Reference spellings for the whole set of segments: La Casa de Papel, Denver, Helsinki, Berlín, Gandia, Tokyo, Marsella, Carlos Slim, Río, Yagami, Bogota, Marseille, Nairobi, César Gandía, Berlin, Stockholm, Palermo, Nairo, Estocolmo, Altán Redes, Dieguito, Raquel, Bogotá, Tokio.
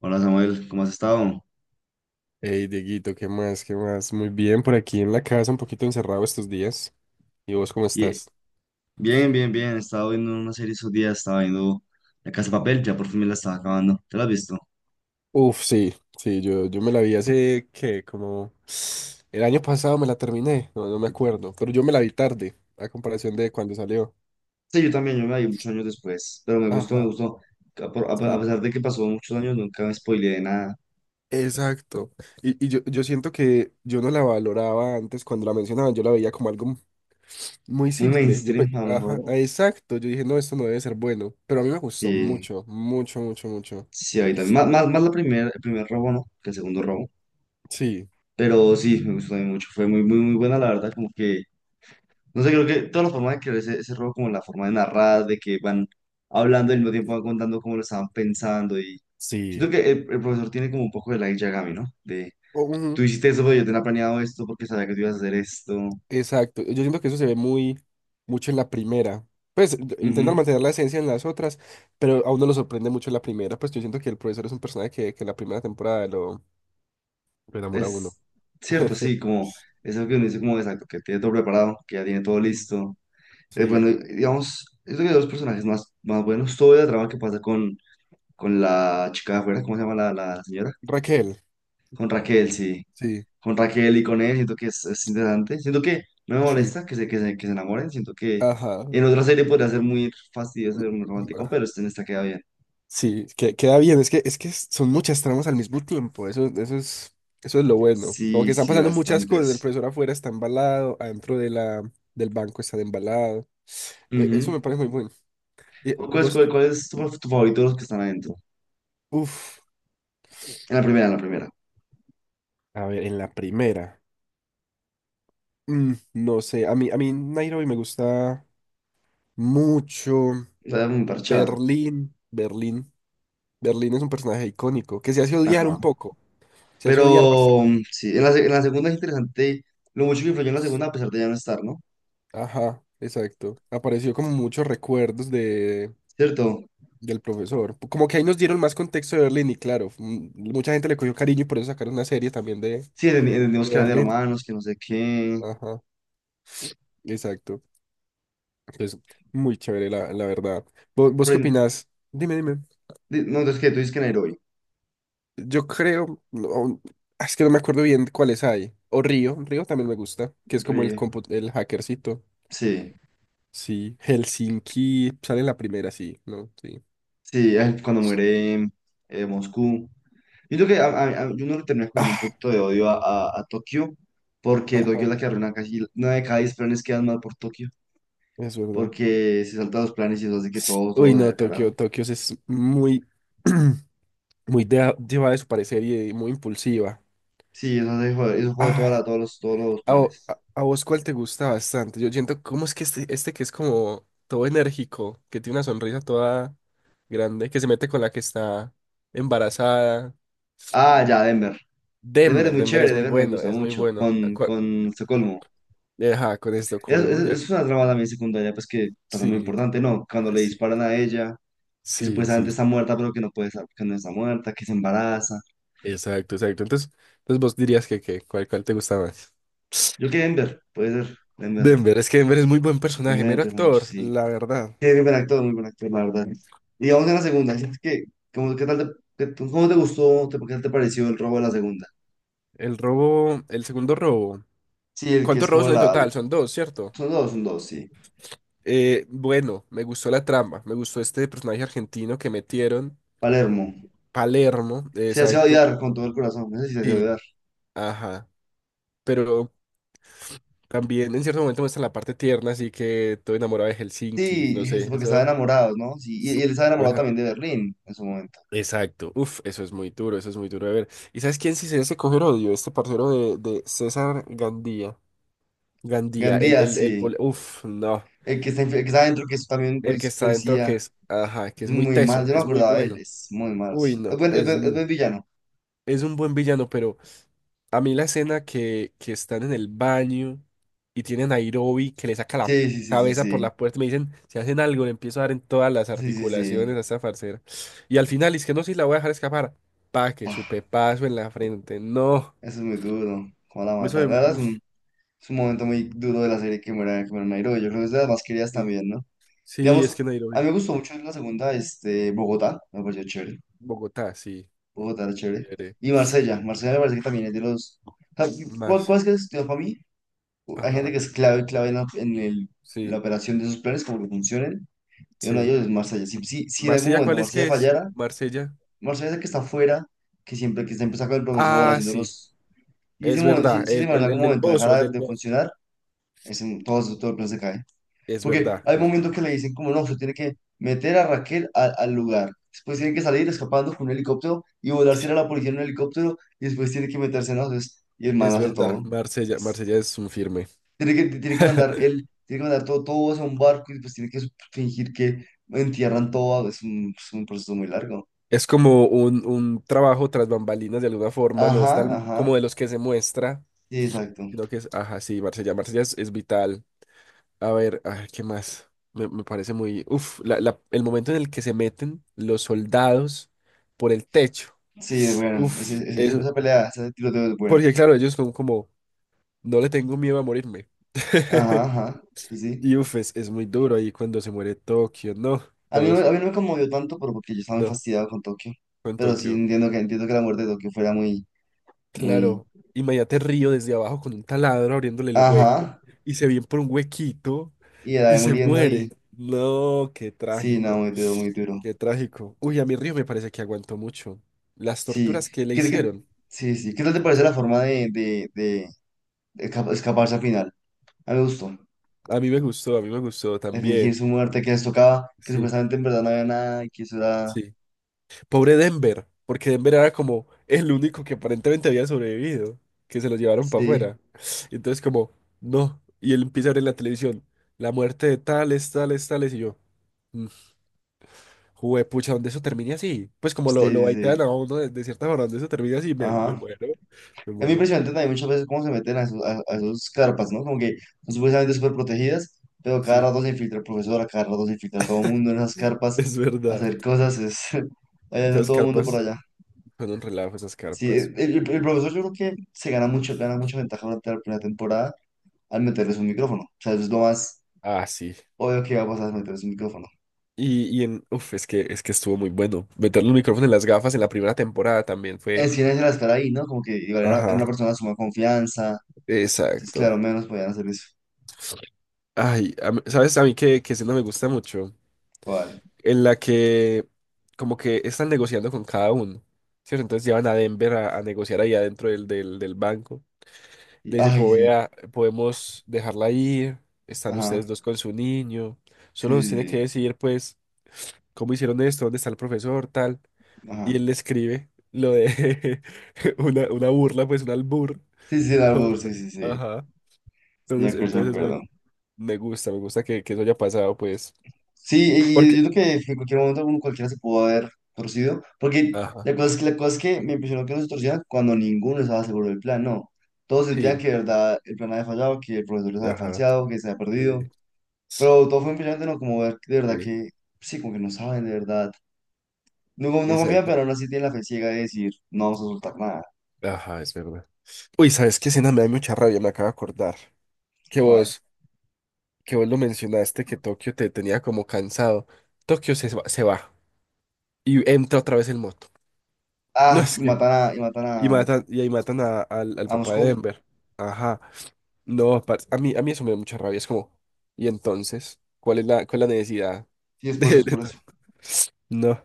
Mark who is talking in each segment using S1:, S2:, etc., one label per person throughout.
S1: Hola Samuel, ¿cómo has estado?
S2: Hey, Dieguito, ¿qué más? ¿Qué más? Muy bien, por aquí en la casa, un poquito encerrado estos días. ¿Y vos cómo
S1: Ye-
S2: estás?
S1: Bien, bien, bien. He estado viendo una serie esos días, estaba viendo La Casa de Papel, ya por fin me la estaba acabando. ¿Te la has visto?
S2: Uf, sí, sí, yo me la vi hace que como el año pasado me la terminé, no, no me acuerdo, pero yo me la vi tarde, a comparación de cuando salió.
S1: Sí, yo también, yo me la vi muchos años después, pero me gustó, me
S2: Ajá,
S1: gustó. A, por- a pe- a
S2: sí,
S1: pesar de que pasó muchos años, nunca me spoileé de nada.
S2: exacto. Y yo, yo siento que yo no la valoraba antes cuando la mencionaban, yo la veía como algo muy
S1: Muy
S2: simple. Yo,
S1: mainstream, a lo
S2: ajá,
S1: mejor.
S2: exacto, yo dije, no, esto no debe ser bueno, pero a mí me gustó
S1: Sí,
S2: mucho, mucho, mucho, mucho.
S1: sí, ahí también. Más el primer robo, ¿no? Que el segundo robo.
S2: Sí,
S1: Pero sí, me gustó también mucho. Fue muy, muy, muy buena, la verdad. Como que, no sé, creo que toda la forma de crear ese juego, como la forma de narrar, de que van hablando y al mismo tiempo van contando cómo lo estaban pensando. Y
S2: sí.
S1: siento que el profesor tiene como un poco de la Yagami, ¿no? De tú
S2: Ujú.
S1: hiciste eso, pero yo tenía planeado esto porque sabía que tú ibas a hacer esto.
S2: Exacto. Yo siento que eso se ve muy mucho en la primera. Pues intentan
S1: Ujú.
S2: mantener la esencia en las otras, pero a uno lo sorprende mucho en la primera. Pues yo siento que el profesor es un personaje que en la primera temporada lo enamora a uno.
S1: Es cierto, sí, como es algo que uno dice, como exacto, que tiene todo preparado, que ya tiene todo
S2: Ujú.
S1: listo.
S2: Sí.
S1: Bueno, digamos, es que hay dos personajes más, más buenos. Todo el drama que pasa con la chica de afuera, ¿cómo se llama la señora?
S2: Raquel.
S1: Con Raquel, sí.
S2: Sí,
S1: Con Raquel y con él, siento que es interesante. Siento que no me
S2: sí.
S1: molesta que se, que se, que se enamoren. Siento que
S2: Ajá.
S1: en otra serie podría ser muy fastidioso, muy romántico,
S2: ah,
S1: pero este en esta queda bien.
S2: Sí, queda bien. Es que son muchas tramas al mismo tiempo. Eso, eso es lo bueno. Como
S1: Sí,
S2: que están
S1: sí,
S2: pasando muchas cosas.
S1: bastantes.
S2: El profesor afuera está embalado, adentro de del banco está embalado. Eso
S1: Ujú.
S2: me parece muy bueno. ¿Y
S1: ¿Cuál, es,
S2: vos?
S1: cuál- cuál es tu, tu favorito de los que están adentro?
S2: Uf,
S1: En la primera, en la primera.
S2: a ver, en la primera. No sé, a mí Nairobi me gusta mucho.
S1: La muy parchada.
S2: Berlín, Berlín. Berlín es un personaje icónico que se hace odiar un
S1: Ajá.
S2: poco, se hace odiar
S1: Pero
S2: bastante.
S1: sí, en la segunda es interesante lo mucho que influyó en la segunda a pesar de ya no estar, ¿no?
S2: Ajá, exacto. Apareció como muchos recuerdos de,
S1: ¿Cierto?
S2: del profesor. Como que ahí nos dieron más contexto de Berlín y claro, mucha gente le cogió cariño y por eso sacaron una serie también
S1: Sí,
S2: de
S1: entendimos que eran de
S2: Berlín.
S1: romanos, que no sé qué.
S2: Ajá, exacto. Entonces, muy chévere, la verdad. ¿Vos, vos
S1: Pero
S2: qué
S1: en-
S2: opinás? Dime, dime.
S1: no, entonces que tú dices que en Heroi.
S2: Yo creo, no, es que no me acuerdo bien cuáles hay. O Río, Río también me gusta, que es como el
S1: Re-
S2: el hackercito.
S1: Sí,
S2: Sí, Helsinki sale en la primera, sí, ¿no? Sí.
S1: sí, ay, cuando muere Moscú. Yo creo que yo no le termina cogiendo un
S2: Ah,
S1: poquito de odio a Tokio, porque Tokio es
S2: ajá,
S1: la que arruina casi una de cada 10 planes quedan mal por Tokio,
S2: es verdad.
S1: porque se saltan los planes y eso hace que todos,
S2: Uy,
S1: todos vayan
S2: no,
S1: al
S2: Tokio,
S1: carajo.
S2: Tokio es muy, muy llevada de su parecer y muy impulsiva.
S1: Sí, eso hace, eso jode
S2: Ah,
S1: todos los planes.
S2: A vos cuál te gusta bastante. Yo siento, ¿cómo es que este que es como todo enérgico, que tiene una sonrisa toda grande, que se mete con la que está embarazada?
S1: Ah, ya, Denver. Denver es
S2: Denver,
S1: muy
S2: Denver es
S1: chévere,
S2: muy
S1: Denver me
S2: bueno,
S1: gusta
S2: es muy
S1: mucho,
S2: bueno.
S1: con Estocolmo.
S2: Ajá, con Estocolmo, ya.
S1: Es una trama también secundaria, pues que pasa muy
S2: Sí,
S1: importante, ¿no? Cuando
S2: ah,
S1: le
S2: sí,
S1: disparan a ella, que
S2: sí, sí.
S1: supuestamente está muerta, pero que no puede estar, que no está muerta, que se embaraza.
S2: Exacto, exacto. Entonces, entonces vos dirías que ¿cuál, cuál te gusta más?
S1: Yo que Denver, puede ser, Denver,
S2: Denver, es que Denver es muy buen personaje,
S1: me
S2: mero
S1: interesa mucho,
S2: actor,
S1: sí. Sí,
S2: la verdad.
S1: es muy buen actor, la verdad. Y vamos a la segunda, ¿sientes que, cómo, qué tal cómo te gustó, te, qué tal te pareció el robo de la segunda?
S2: El robo, el segundo robo.
S1: Sí, el que es
S2: ¿Cuántos robos
S1: como
S2: son en
S1: la,
S2: total? Son dos, ¿cierto?
S1: son dos, sí.
S2: Bueno, me gustó la trama, me gustó este personaje argentino que metieron,
S1: Palermo.
S2: Palermo,
S1: Se hacía
S2: exacto,
S1: odiar con todo el corazón, no sé si se hacía
S2: y,
S1: odiar.
S2: ajá, pero también en cierto momento muestran la parte tierna, así que todo enamorado de Helsinki,
S1: Sí,
S2: no sé,
S1: es porque estaba
S2: eso,
S1: enamorado, ¿no? Sí, y él estaba enamorado
S2: ajá,
S1: también de Berlín en su momento.
S2: exacto, uf, eso es muy duro, eso es muy duro de ver. ¿Y sabes quién sí se debe coger odio? Este parcero de César Gandía, Gandía, el,
S1: Gandía, sí.
S2: uf, no,
S1: El que está, el que está adentro, que es también un
S2: el que está adentro
S1: policía.
S2: que es, ajá, que
S1: Es
S2: es muy
S1: muy
S2: teso,
S1: malo. Yo no me
S2: es muy
S1: acordaba de él.
S2: bueno,
S1: Es muy malo,
S2: uy,
S1: sí.
S2: no, es,
S1: Es buen villano.
S2: es un buen villano, pero... A mí la escena que están en el baño y tienen a Nairobi que le saca la
S1: Sí, sí, sí, sí,
S2: cabeza por
S1: sí.
S2: la puerta y me dicen, si hacen algo, le empiezo a dar en todas las
S1: Sí, sí,
S2: articulaciones
S1: sí.
S2: a esta farcera. Y al final, es que no, si la voy a dejar escapar. Pa, que su
S1: Buah,
S2: pepazo en la frente. No.
S1: eso es muy duro. ¿Cómo la mata? La verdad
S2: Uf,
S1: es un momento muy duro de la serie que muera Nairo. Yo creo que es de las más queridas
S2: sí.
S1: también, ¿no?
S2: Sí, es
S1: Digamos,
S2: que
S1: a mí
S2: Nairobi.
S1: me gustó mucho la segunda, este, Bogotá. Me pareció chévere.
S2: Bogotá, sí.
S1: Bogotá era chévere.
S2: Chévere.
S1: Y Marsella. Marsella me parece que también es de los... O sea, ¿cuál,
S2: Mars.
S1: cuál es que estudió para mí? Hay gente
S2: Ajá.
S1: que es clave, clave en la, la
S2: Sí,
S1: operación de sus planes, como que funcionen. Y uno de
S2: sí.
S1: ellos es Marsella. Si en algún
S2: Marsella,
S1: momento
S2: ¿cuál es
S1: Marsella
S2: que es?
S1: fallara,
S2: Marsella.
S1: Marsella es el que está afuera, que siempre que está empezando con el profesor,
S2: Ah,
S1: haciendo
S2: sí.
S1: los... Y
S2: Es
S1: si,
S2: verdad.
S1: si ese
S2: El,
S1: man en algún
S2: el del
S1: momento
S2: Bozo, el
S1: dejara
S2: del
S1: de
S2: Bozo.
S1: funcionar, todo el plan se cae.
S2: Es
S1: Porque
S2: verdad.
S1: hay momentos que le dicen como, no, usted tiene que meter a Raquel al al lugar. Después tiene que salir escapando con un helicóptero y volarse a la policía en un helicóptero y después tiene que meterse en las... Y el man
S2: Es
S1: hace
S2: verdad,
S1: todo.
S2: Marsella, Marsella es un firme.
S1: Tiene que mandar todo, todo eso a un barco y pues tiene que fingir que entierran todo. Es un proceso muy largo.
S2: Es como un trabajo tras bambalinas de alguna forma, no es
S1: Ajá,
S2: tan
S1: ajá.
S2: como de los que se muestra,
S1: Sí, exacto.
S2: sino que es, ajá, sí, Marsella, Marsella es vital. A ver, ay, ¿qué más? Me parece muy, uf, el momento en el que se meten los soldados por el techo.
S1: Sí, bueno,
S2: Uf, eso,
S1: esa pelea, ese tiroteo es bueno.
S2: porque claro, ellos son como, no le tengo miedo a morirme.
S1: Ajá, ajá. Sí, sí.
S2: Y uf, es muy duro ahí cuando se muere Tokio, no, todos,
S1: A mí no me conmovió tanto, pero porque yo estaba muy
S2: no,
S1: fastidiado con Tokio.
S2: con
S1: Pero sí
S2: Tokio.
S1: entiendo que la muerte de Tokio fuera muy, muy.
S2: Claro, imagínate Río desde abajo con un taladro abriéndole el hueco
S1: Ajá.
S2: y se viene por un huequito
S1: Y la
S2: y
S1: de
S2: se
S1: muriendo ahí.
S2: muere. No, qué
S1: Sí, no,
S2: trágico,
S1: muy duro, muy duro.
S2: qué trágico. Uy, a mí Río me parece que aguantó mucho. Las
S1: Sí.
S2: torturas que le
S1: ¿Qué, qué-
S2: hicieron,
S1: sí, sí. ¿Qué tal te parece la forma de escaparse al final? A mí me gustó.
S2: a mí me gustó, a mí me gustó
S1: De fingir
S2: también.
S1: su muerte, que les tocaba, que
S2: Sí,
S1: supuestamente en verdad no había nada y que eso era.
S2: sí. Pobre Denver, porque Denver era como el único que aparentemente había sobrevivido, que se lo llevaron para
S1: Sí,
S2: afuera. Y entonces como, no, y él empieza a ver en la televisión la muerte de tales, tales, tales y yo. Juepucha, ¿dónde eso termine así? Pues como
S1: sí,
S2: lo
S1: sí,
S2: baitean
S1: sí.
S2: a uno de cierta forma, ¿dónde eso termine así? Me
S1: Ajá.
S2: muero, me
S1: Es muy
S2: muero.
S1: impresionante también muchas veces cómo se meten a, a esos carpas, ¿no? Como que son supuestamente súper protegidas, pero cada
S2: Sí,
S1: rato se infiltra el profesor, cada rato se infiltra todo el mundo en esas carpas
S2: es
S1: a
S2: verdad.
S1: hacer cosas. Es, allá anda
S2: Esas
S1: todo el mundo por
S2: carpas
S1: allá.
S2: son un relajo, esas
S1: Sí,
S2: carpas.
S1: el profesor yo creo que se gana mucho, gana mucha ventaja durante la primera temporada al meterles un micrófono. O sea, eso es lo más
S2: Ah, sí.
S1: obvio que va a pasar, meterles un micrófono.
S2: Y en, uf, es que estuvo muy bueno. Meter los micrófonos en las gafas en la primera temporada también fue.
S1: Es que era estar ahí, ¿no? Como que igual era, era una
S2: Ajá,
S1: persona de suma confianza. Entonces,
S2: exacto.
S1: claro, menos podían hacer eso.
S2: Ay, ¿sabes a mí que sí no me gusta mucho?
S1: Igual.
S2: En la que como que están negociando con cada uno, ¿cierto? Entonces llevan a Denver a negociar ahí adentro del, del banco. Le dicen
S1: Ay,
S2: como
S1: sí.
S2: vea, podemos dejarla ir, están
S1: Ajá.
S2: ustedes dos con su niño,
S1: Sí,
S2: solo nos tiene
S1: sí,
S2: que
S1: sí.
S2: decir pues cómo hicieron esto, dónde está el profesor, tal. Y
S1: Ajá.
S2: él le escribe lo de una burla, pues un albur.
S1: Sí, sí, sí, el
S2: Todo
S1: árbol, sí,
S2: raro.
S1: sí, sí.
S2: Ajá.
S1: Sí, me
S2: Entonces,
S1: acuerdo, sí me
S2: entonces es
S1: acuerdo.
S2: muy, me gusta que eso haya pasado, pues.
S1: Sí,
S2: Porque,
S1: yo creo que en cualquier momento uno cualquiera se pudo haber torcido. Porque
S2: ajá,
S1: la cosa es que me impresionó que no se torcieran cuando ninguno estaba seguro del plan, no. Todos sentían
S2: sí,
S1: que de verdad el plan había fallado, que el profesor les había
S2: ajá,
S1: falseado, que se había
S2: sí,
S1: perdido. Pero todo fue impresionante, ¿no? Como ver de verdad
S2: sí,
S1: que, sí, como que no saben de verdad. No confía,
S2: exacto.
S1: pero aún así tiene la fe ciega de decir, no vamos a soltar nada.
S2: Ajá, es verdad. Uy, ¿sabes qué escena me da mucha rabia? Me acabo de acordar. Que
S1: ¿Cuál?
S2: vos... que vos lo mencionaste, que Tokio te tenía como cansado. Tokio se va y entra otra vez en moto. No
S1: Ah,
S2: es
S1: sí,
S2: que.
S1: matan
S2: Y matan, y ahí matan al, al
S1: a
S2: papá de
S1: Moscú.
S2: Denver. Ajá. No, parce, a mí eso me da mucha rabia. Es como, ¿y entonces? Cuál es la necesidad
S1: Sí, es por eso,
S2: de,
S1: es por eso.
S2: No,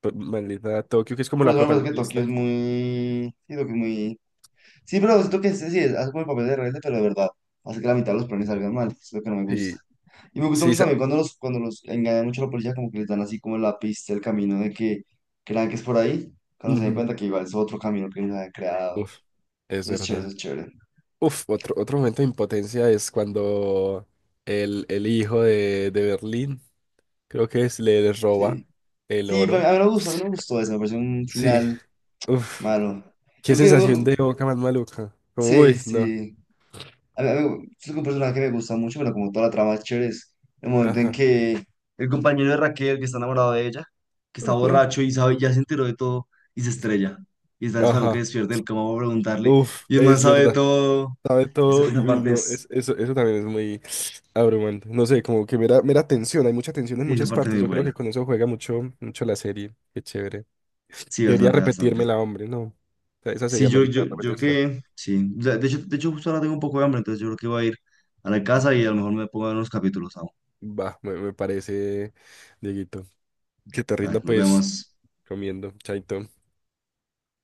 S2: pues, maldita Tokio, que es como
S1: Por
S2: la
S1: eso me parece que Tokio
S2: protagonista.
S1: es muy... Sí, Tokio es muy... Sí, pero siento que sí, sí, hace como el papel de rebelde, pero de verdad. Hace que la mitad de los planes salgan mal. Es lo que no me gusta.
S2: Sí,
S1: Y me gusta
S2: sí,
S1: mucho
S2: esa-
S1: también cuando cuando los engañan mucho a la policía, como que les dan así como la pista, el camino de que crean que es por ahí, cuando se den
S2: ujú.
S1: cuenta que igual es otro camino que ellos han creado.
S2: Uf, es
S1: Eso es chévere,
S2: verdad.
S1: eso es chévere.
S2: Uf, otro, otro momento de impotencia es cuando el hijo de Berlín. Creo que es, le les roba
S1: Sí.
S2: el
S1: Sí, a mí
S2: oro.
S1: me gustó, a mí me gustó eso, me pareció un
S2: Sí.
S1: final
S2: Uf.
S1: malo.
S2: Qué
S1: Yo que,
S2: sensación
S1: bueno,
S2: de boca más maluca. Como,
S1: sí,
S2: uy, no.
S1: sí. Es un personaje que me gusta mucho, pero como toda la trama es chévere, es el momento en
S2: Ajá.
S1: que el compañero de Raquel, que está enamorado de ella, que está
S2: Ajá.
S1: borracho y sabe, ya se enteró de todo y se estrella. Y está esperando que
S2: Ajá.
S1: despierte el cama para preguntarle.
S2: Uf,
S1: Y el man
S2: es
S1: sabe de
S2: verdad.
S1: todo.
S2: Sabe todo
S1: Esa
S2: y uy,
S1: parte
S2: no,
S1: es,
S2: es, eso también es muy abrumante. No sé, como que mera, mera tensión, hay mucha tensión en
S1: sí, esa
S2: muchas
S1: parte es
S2: partes.
S1: muy
S2: Yo creo que
S1: buena.
S2: con eso juega mucho, mucho la serie. Qué chévere.
S1: Sí,
S2: Debería
S1: bastante, bastante.
S2: repetírmela, hombre, no. O sea, esa
S1: Sí,
S2: sería meritar
S1: yo
S2: repetírsela.
S1: que, sí. O sea, de hecho, de hecho, justo ahora tengo un poco de hambre, entonces yo creo que voy a ir a la casa y
S2: Ujú.
S1: a lo mejor me pongo a ver unos capítulos aún.
S2: Va, me parece, Dieguito. Que te
S1: Dale,
S2: rinda
S1: nos
S2: pues
S1: vemos.
S2: comiendo, chaito.